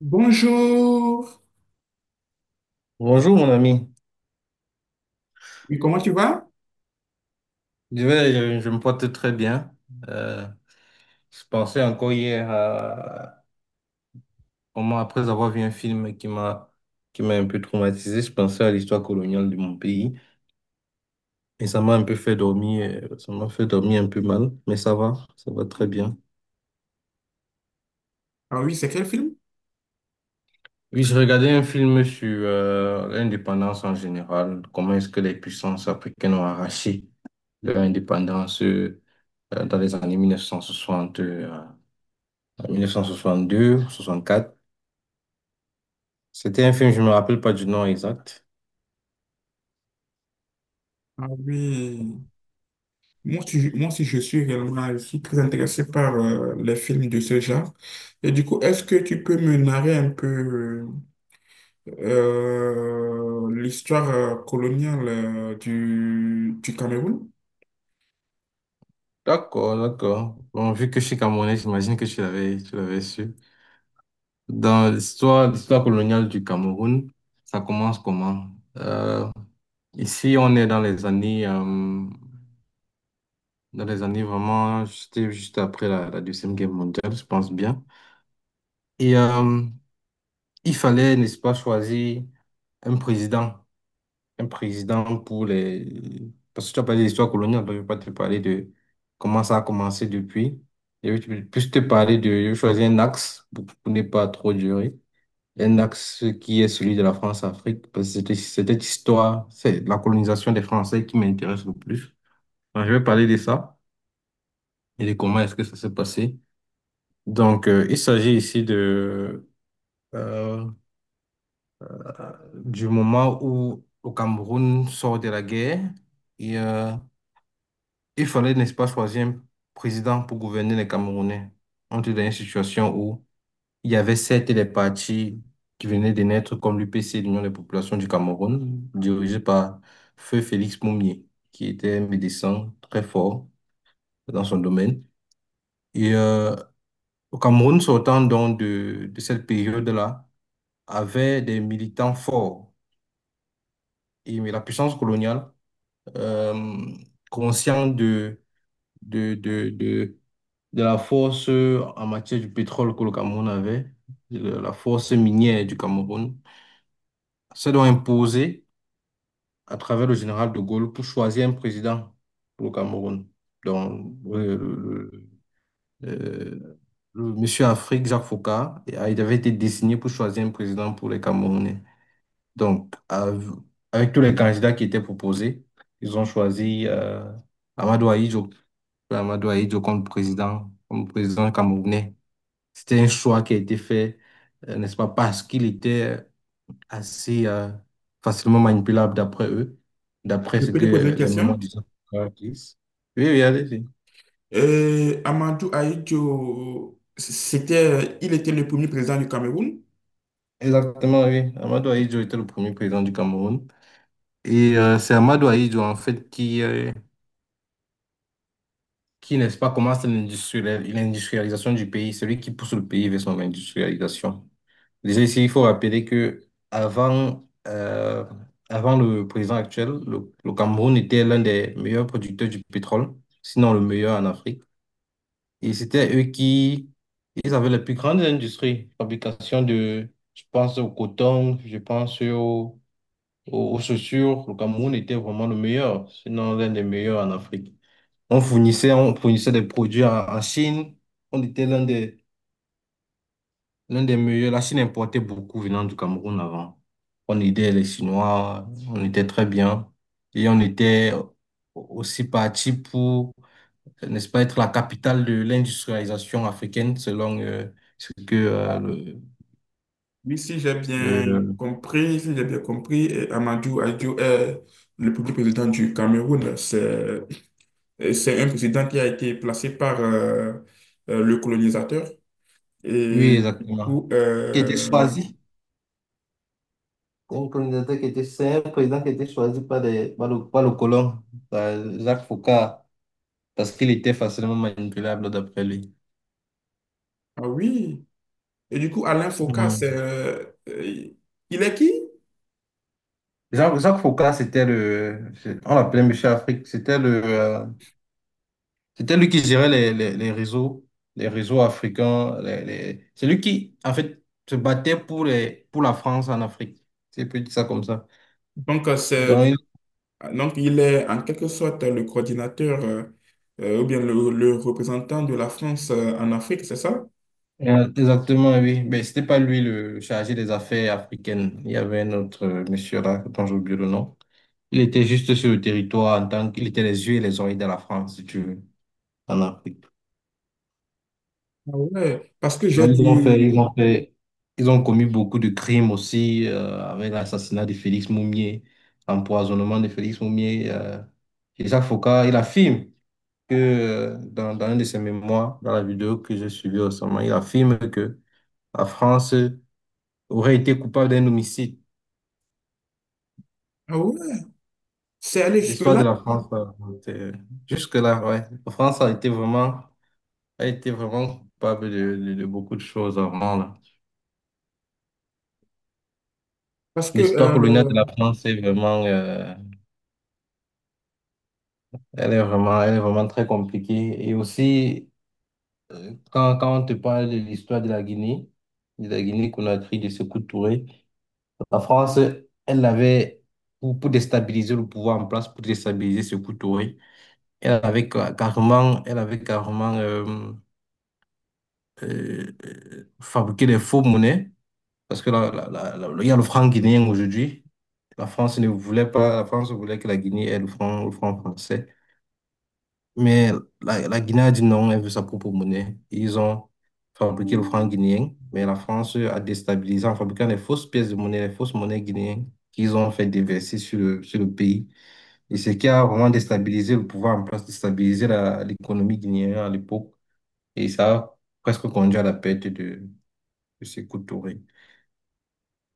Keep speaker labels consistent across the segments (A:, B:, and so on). A: Bonjour.
B: Bonjour mon ami,
A: Oui, comment tu vas?
B: je me porte très bien. Euh, je pensais encore hier à comment, après avoir vu un film qui m'a un peu traumatisé, je pensais à l'histoire coloniale de mon pays, et ça m'a un peu fait dormir, ça m'a fait dormir un peu mal. Mais ça va très bien.
A: Ah oui, c'est quel film?
B: Oui, je regardais un film sur l'indépendance en général, comment est-ce que les puissances africaines ont arraché leur indépendance. Dans les années 1960, à 1962, soixante-quatre. C'était un film, je me rappelle pas du nom exact.
A: Ah oui. Moi aussi, je suis réellement, je suis très intéressé par les films de ce genre. Et du coup, est-ce que tu peux me narrer un peu l'histoire coloniale du Cameroun?
B: D'accord, d'accord. Bon, vu que je suis Camerounais, j'imagine que tu l'avais su. Dans l'histoire coloniale du Cameroun, ça commence comment? Ici, on est dans les années vraiment, c'était juste après la Deuxième Guerre mondiale, je pense bien. Et il fallait, n'est-ce pas, choisir un président. Un président pour les... Parce que tu as parlé d'histoire coloniale, donc je ne vais pas te parler de comment ça a commencé depuis. Je vais plus te parler de... Je vais choisir un axe pour ne pas trop durer. Un axe qui est celui de la France-Afrique, parce que c'était histoire, c'est la colonisation des Français qui m'intéresse le plus. Donc, je vais parler de ça et de comment est-ce que ça s'est passé. Donc, il s'agit ici euh, du moment où le Cameroun sort de la guerre et il fallait, n'est-ce pas, choisir un président pour gouverner les Camerounais. On était dans une situation où il y avait certes les partis qui venaient de naître comme l'UPC, l'Union des populations du Cameroun, dirigé par Feu Félix Moumié, qui était un médecin très fort dans son domaine. Et au Cameroun, sortant donc de cette période-là, avait des militants forts. Et, mais la puissance coloniale, euh, consciente de, de, de de la force en matière du pétrole que le Cameroun avait, de la force minière du Cameroun. C'est donc imposé à travers le général de Gaulle pour choisir un président pour le Cameroun. Donc, euh, le monsieur Afrique, Jacques Faucard, il avait été désigné pour choisir un président pour les Camerounais. Donc, avec tous les candidats qui étaient proposés, ils ont choisi Amadou Ahidjo, Amadou Ahidjo comme président camerounais. C'était un choix qui a été fait, n'est-ce pas, parce qu'il était assez facilement manipulable d'après eux, d'après
A: Je
B: ce
A: peux
B: que
A: te poser une
B: la mémoire
A: question?
B: des gens disent. Oui, oui, allez-y.
A: Amadou Ahidjo, c'était, il était le premier président du Cameroun.
B: Exactement, oui. Amadou Ahidjo était le premier président du Cameroun. Et c'est Amadou Ahidjo, en fait, qui n'est-ce pas, commence l'industrialisation du pays, celui qui pousse le pays vers son industrialisation. Déjà ici, il faut rappeler que avant le président actuel, le Cameroun était l'un des meilleurs producteurs du pétrole, sinon le meilleur en Afrique. Et c'était eux qui, ils avaient les plus grandes industries, fabrication de, je pense au coton, je pense aux chaussures. Le Cameroun était vraiment le meilleur, sinon l'un des meilleurs en Afrique. On fournissait des produits en Chine. On était l'un des meilleurs. La Chine importait beaucoup venant du Cameroun avant. On aidait les Chinois, on était très bien. Et on était aussi parti pour, n'est-ce pas, être la capitale de l'industrialisation africaine, selon ce que
A: Oui, si j'ai bien
B: le-
A: compris, si j'ai bien compris, Amadou Ahidjo est le premier président du Cameroun. C'est un président qui a été placé par le colonisateur.
B: oui,
A: Et du
B: exactement.
A: coup,
B: Qui était choisi. Un candidat qui était, c'est un président qui était choisi par le colon, par Jacques Foucault, parce qu'il était facilement manipulable d'après lui.
A: ah oui. Et du coup, Alain Foucault, c'est, il est qui?
B: Jacques Foccart, on l'appelait Monsieur Afrique, c'était lui qui gérait les réseaux, les réseaux africains, c'est lui qui, en fait, se battait pour la France en Afrique. C'est peut dire ça comme ça.
A: Donc,
B: Donc,
A: donc, il est en quelque sorte le coordinateur ou bien le représentant de la France en Afrique, c'est ça?
B: exactement, oui. Mais c'était pas lui le chargé des affaires africaines. Il y avait un autre monsieur là, dont j'ai oublié le nom. Il était juste sur le territoire en tant qu'il était les yeux et les oreilles de la France, si tu veux, en Afrique.
A: Ah ouais, parce que
B: Non,
A: j'ai dû...
B: Ils ont commis beaucoup de crimes aussi, avec l'assassinat de Félix Moumier, l'empoisonnement de Félix Moumier. Jacques Faucard, il affirme que dans un de ses mémoires, dans la vidéo que j'ai suivie récemment, il affirme que la France aurait été coupable d'un homicide.
A: Ah ouais, c'est allé
B: L'histoire de
A: jusque-là
B: la France, c'est- euh, jusque-là, ouais. La France a été vraiment coupable de beaucoup de choses avant, là.
A: parce que...
B: L'histoire coloniale de la France est vraiment. Elle est vraiment très compliquée. Et aussi, quand on te parle de l'histoire de la Guinée, de la Guinée-Conakry, de Sékou Touré, la France, elle avait, pour déstabiliser le pouvoir en place, pour déstabiliser Sékou Touré, elle avait carrément fabriqué des faux monnaies. Parce que il y a le franc guinéen aujourd'hui. La France ne voulait pas, la France voulait que la Guinée ait le franc français. Mais la Guinée a dit non, elle veut sa propre monnaie. Ils ont fabriqué le franc guinéen, mais la France a déstabilisé en fabriquant les fausses pièces de monnaie, les fausses monnaies guinéennes qu'ils ont fait déverser sur le pays. Et ce qui a vraiment déstabilisé le pouvoir en place, déstabilisé l'économie guinéenne à l'époque. Et ça a presque conduit à la perte de Sékou Touré.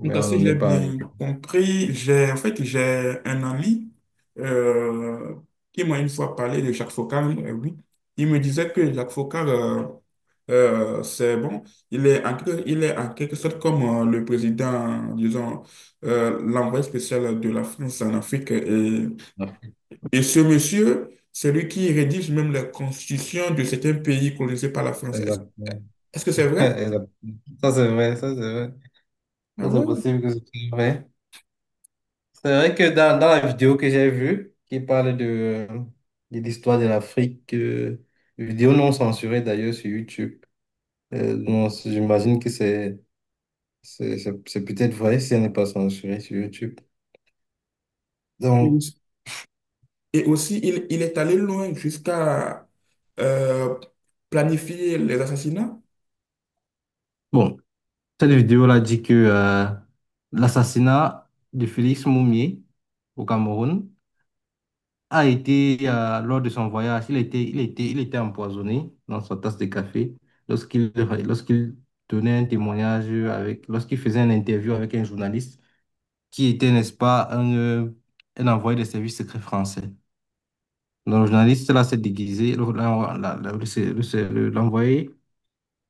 A: Donc,
B: Mais on
A: si
B: n'en
A: j'ai
B: est pas arrivé.
A: bien compris, j'ai en fait j'ai un ami euh, qui m'a une fois parlé de Jacques Foccart. Oui. Il me disait que Jacques Foccart, c'est bon, il est en, il est en quelque sorte comme le président, disons, l'envoyé spécial de la France en Afrique. Et ce monsieur, c'est lui qui rédige même la constitution de certains pays colonisés par la France. Est-ce
B: Exactement.
A: est-ce que c'est vrai?
B: Exactement. Ça, c'est vrai, ça, c'est vrai. Ça,
A: Ah
B: c'est possible que ce soit vrai. C'est vrai que dans la vidéo que j'ai vue, qui parle euh, de l'histoire de l'Afrique, vidéo non censurée d'ailleurs sur YouTube, non, j'imagine que c'est peut-être vrai si elle n'est pas censurée sur YouTube. Donc,
A: ouais. Et aussi, il est allé loin jusqu'à euh, planifier les assassinats.
B: bon, cette vidéo-là dit que l'assassinat de Félix Moumié au Cameroun a été, lors de son voyage, il était empoisonné dans sa tasse de café lorsqu'il lorsqu'il donnait un témoignage avec, lorsqu'il faisait une interview avec un journaliste qui était, n'est-ce pas, un envoyé des services secrets français. Donc, le journaliste là s'est déguisé, le- la- la- la- le se- le se- le- l'envoyé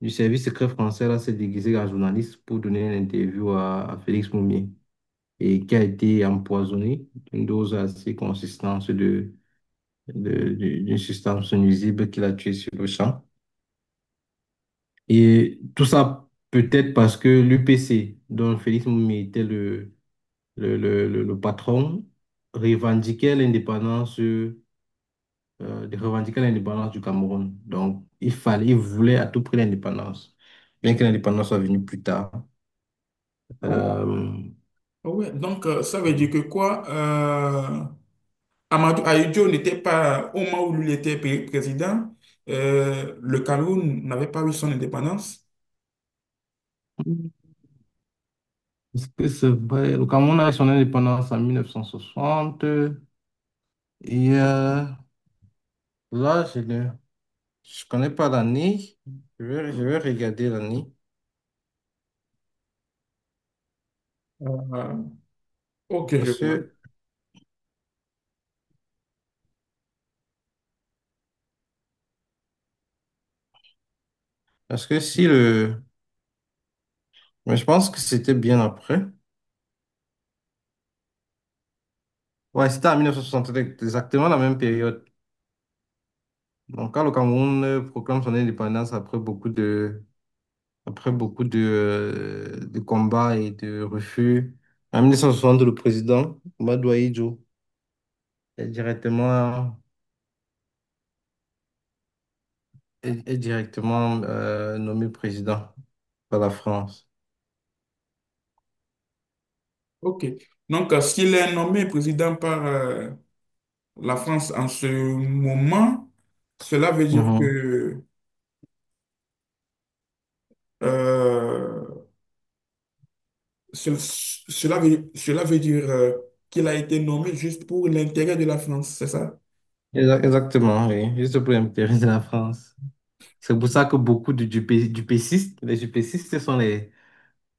B: du service secret français là s'est déguisé en journaliste pour donner une interview à Félix Moumier et qui a été empoisonné d'une dose assez consistante d'une substance nuisible qui l'a tué sur le champ. Et tout ça peut-être parce que l'UPC, dont Félix Moumi était le patron, revendiquait l'indépendance, de revendiquer l'indépendance du Cameroun. Donc, il fallait, il voulait à tout prix l'indépendance, bien que l'indépendance soit venue plus tard.
A: Ah ouais.
B: Euh,
A: Ah ouais. Donc, ça veut dire que quoi? Amadou Ahidjo n'était pas, au moment où lui était président, le Cameroun n'avait pas eu son indépendance.
B: est-ce que c'est vrai? Le Cameroun a eu son indépendance en 1960 et là, je connais pas l'année. Je vais regarder l'année.
A: Euh, ok, je
B: Parce
A: vois.
B: que, parce que si le... Mais je pense que c'était bien après. Ouais, c'était en 1973, exactement la même période. Donc, quand le Cameroun proclame son indépendance après beaucoup de combats et de refus, en 1960 le président, Madoua Idjo, est directement, est directement nommé président par la France.
A: Ok. Donc, s'il est nommé président par la France en ce moment, cela veut dire que euh, cela veut, cela veut dire qu'il a été nommé juste pour l'intérêt de la France, c'est ça?
B: Exactement, oui. Juste pour l'intérêt de la France. C'est pour ça que beaucoup de du dupécistes, les dupécistes, ce sont les,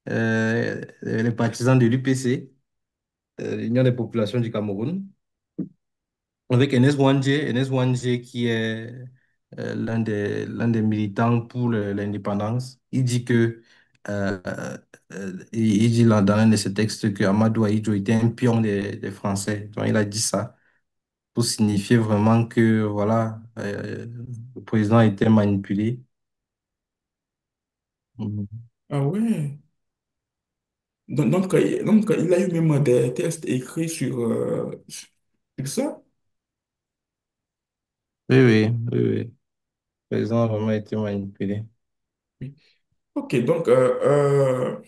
B: euh, les partisans de l'UPC, l'Union des populations du Cameroun, avec Enes Wandje, Enes Wandje qui est l'un des militants pour l'indépendance. Euh, il dit là, dans un de ses textes, que Amadou Ahidjo était un pion des Français. Donc, il a dit ça. Pour signifier vraiment que voilà, le président a été manipulé. Mhm.
A: Ah ouais. Donc, il a eu même des tests écrits sur, sur sur ça.
B: Oui, oui, oui, oui. Le président a vraiment été manipulé.
A: Oui. Ok, donc,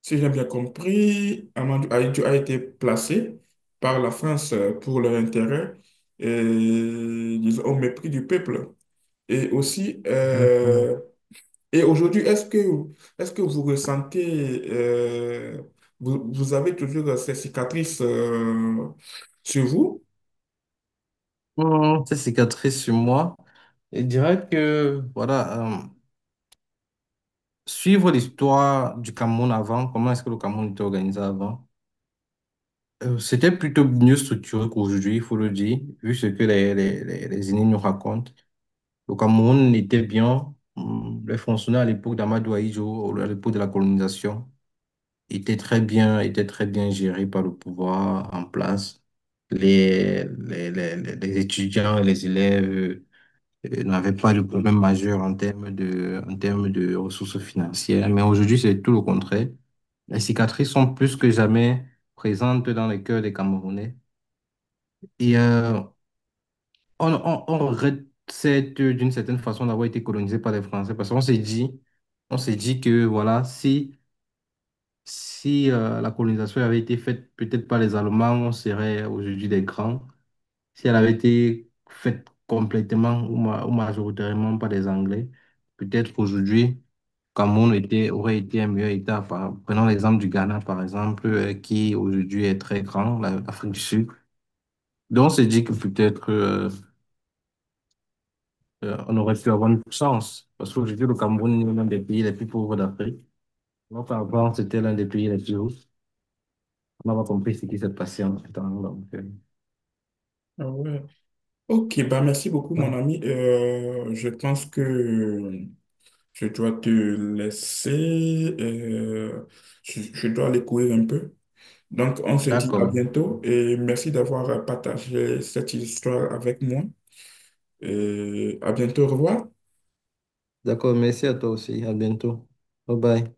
A: si j'ai bien compris, Amadou Ahidjo a été placé par la France pour leur intérêt, et, disons, au mépris du peuple. Et aussi,
B: Exactement.
A: et aujourd'hui, est-ce que vous ressentez, vous avez toujours ces cicatrices, sur vous?
B: Bon, cette cicatrice sur moi, je dirais que voilà, suivre l'histoire du Cameroun avant, comment est-ce que le Cameroun était organisé avant, c'était plutôt mieux structuré qu'aujourd'hui, il faut le dire, vu ce que les aînés nous racontent. Le Cameroun était bien, les fonctionnaires à l'époque d'Amadou Ahidjo, à l'époque de la colonisation, était très bien géré par le pouvoir en place. Les étudiants et les élèves n'avaient pas de problème majeur en termes de ressources financières. Mais aujourd'hui, c'est tout le contraire. Les cicatrices sont plus que jamais présentes dans les cœurs des Camerounais. Et on regrette d'une certaine façon d'avoir été colonisé par les Français parce qu'on s'est dit que voilà, si la colonisation avait été faite peut-être par les Allemands, on serait aujourd'hui des grands. Si elle avait été faite complètement ou majoritairement par les Anglais, peut-être qu'aujourd'hui, Cameroun était, aurait été un meilleur État. Prenons l'exemple du Ghana, par exemple, qui aujourd'hui est très grand, l'Afrique du Sud. Donc, on s'est dit que peut-être on aurait pu avoir une chance, parce qu'aujourd'hui, le Cameroun est l'un des pays les plus pauvres d'Afrique. Alors qu'avant, c'était l'un des pays les plus hauts. On n'a pas compris ce qui s'est passé en ce temps. Donc,
A: Ah ouais. Ok, bah merci beaucoup, mon
B: ah,
A: ami. Je pense que je dois te laisser. Je dois aller courir un peu. Donc, on se dit à
B: d'accord.
A: bientôt et merci d'avoir partagé cette histoire avec moi. Et à bientôt, au revoir.
B: D'accord, merci à toi aussi. À bientôt. Bye bye.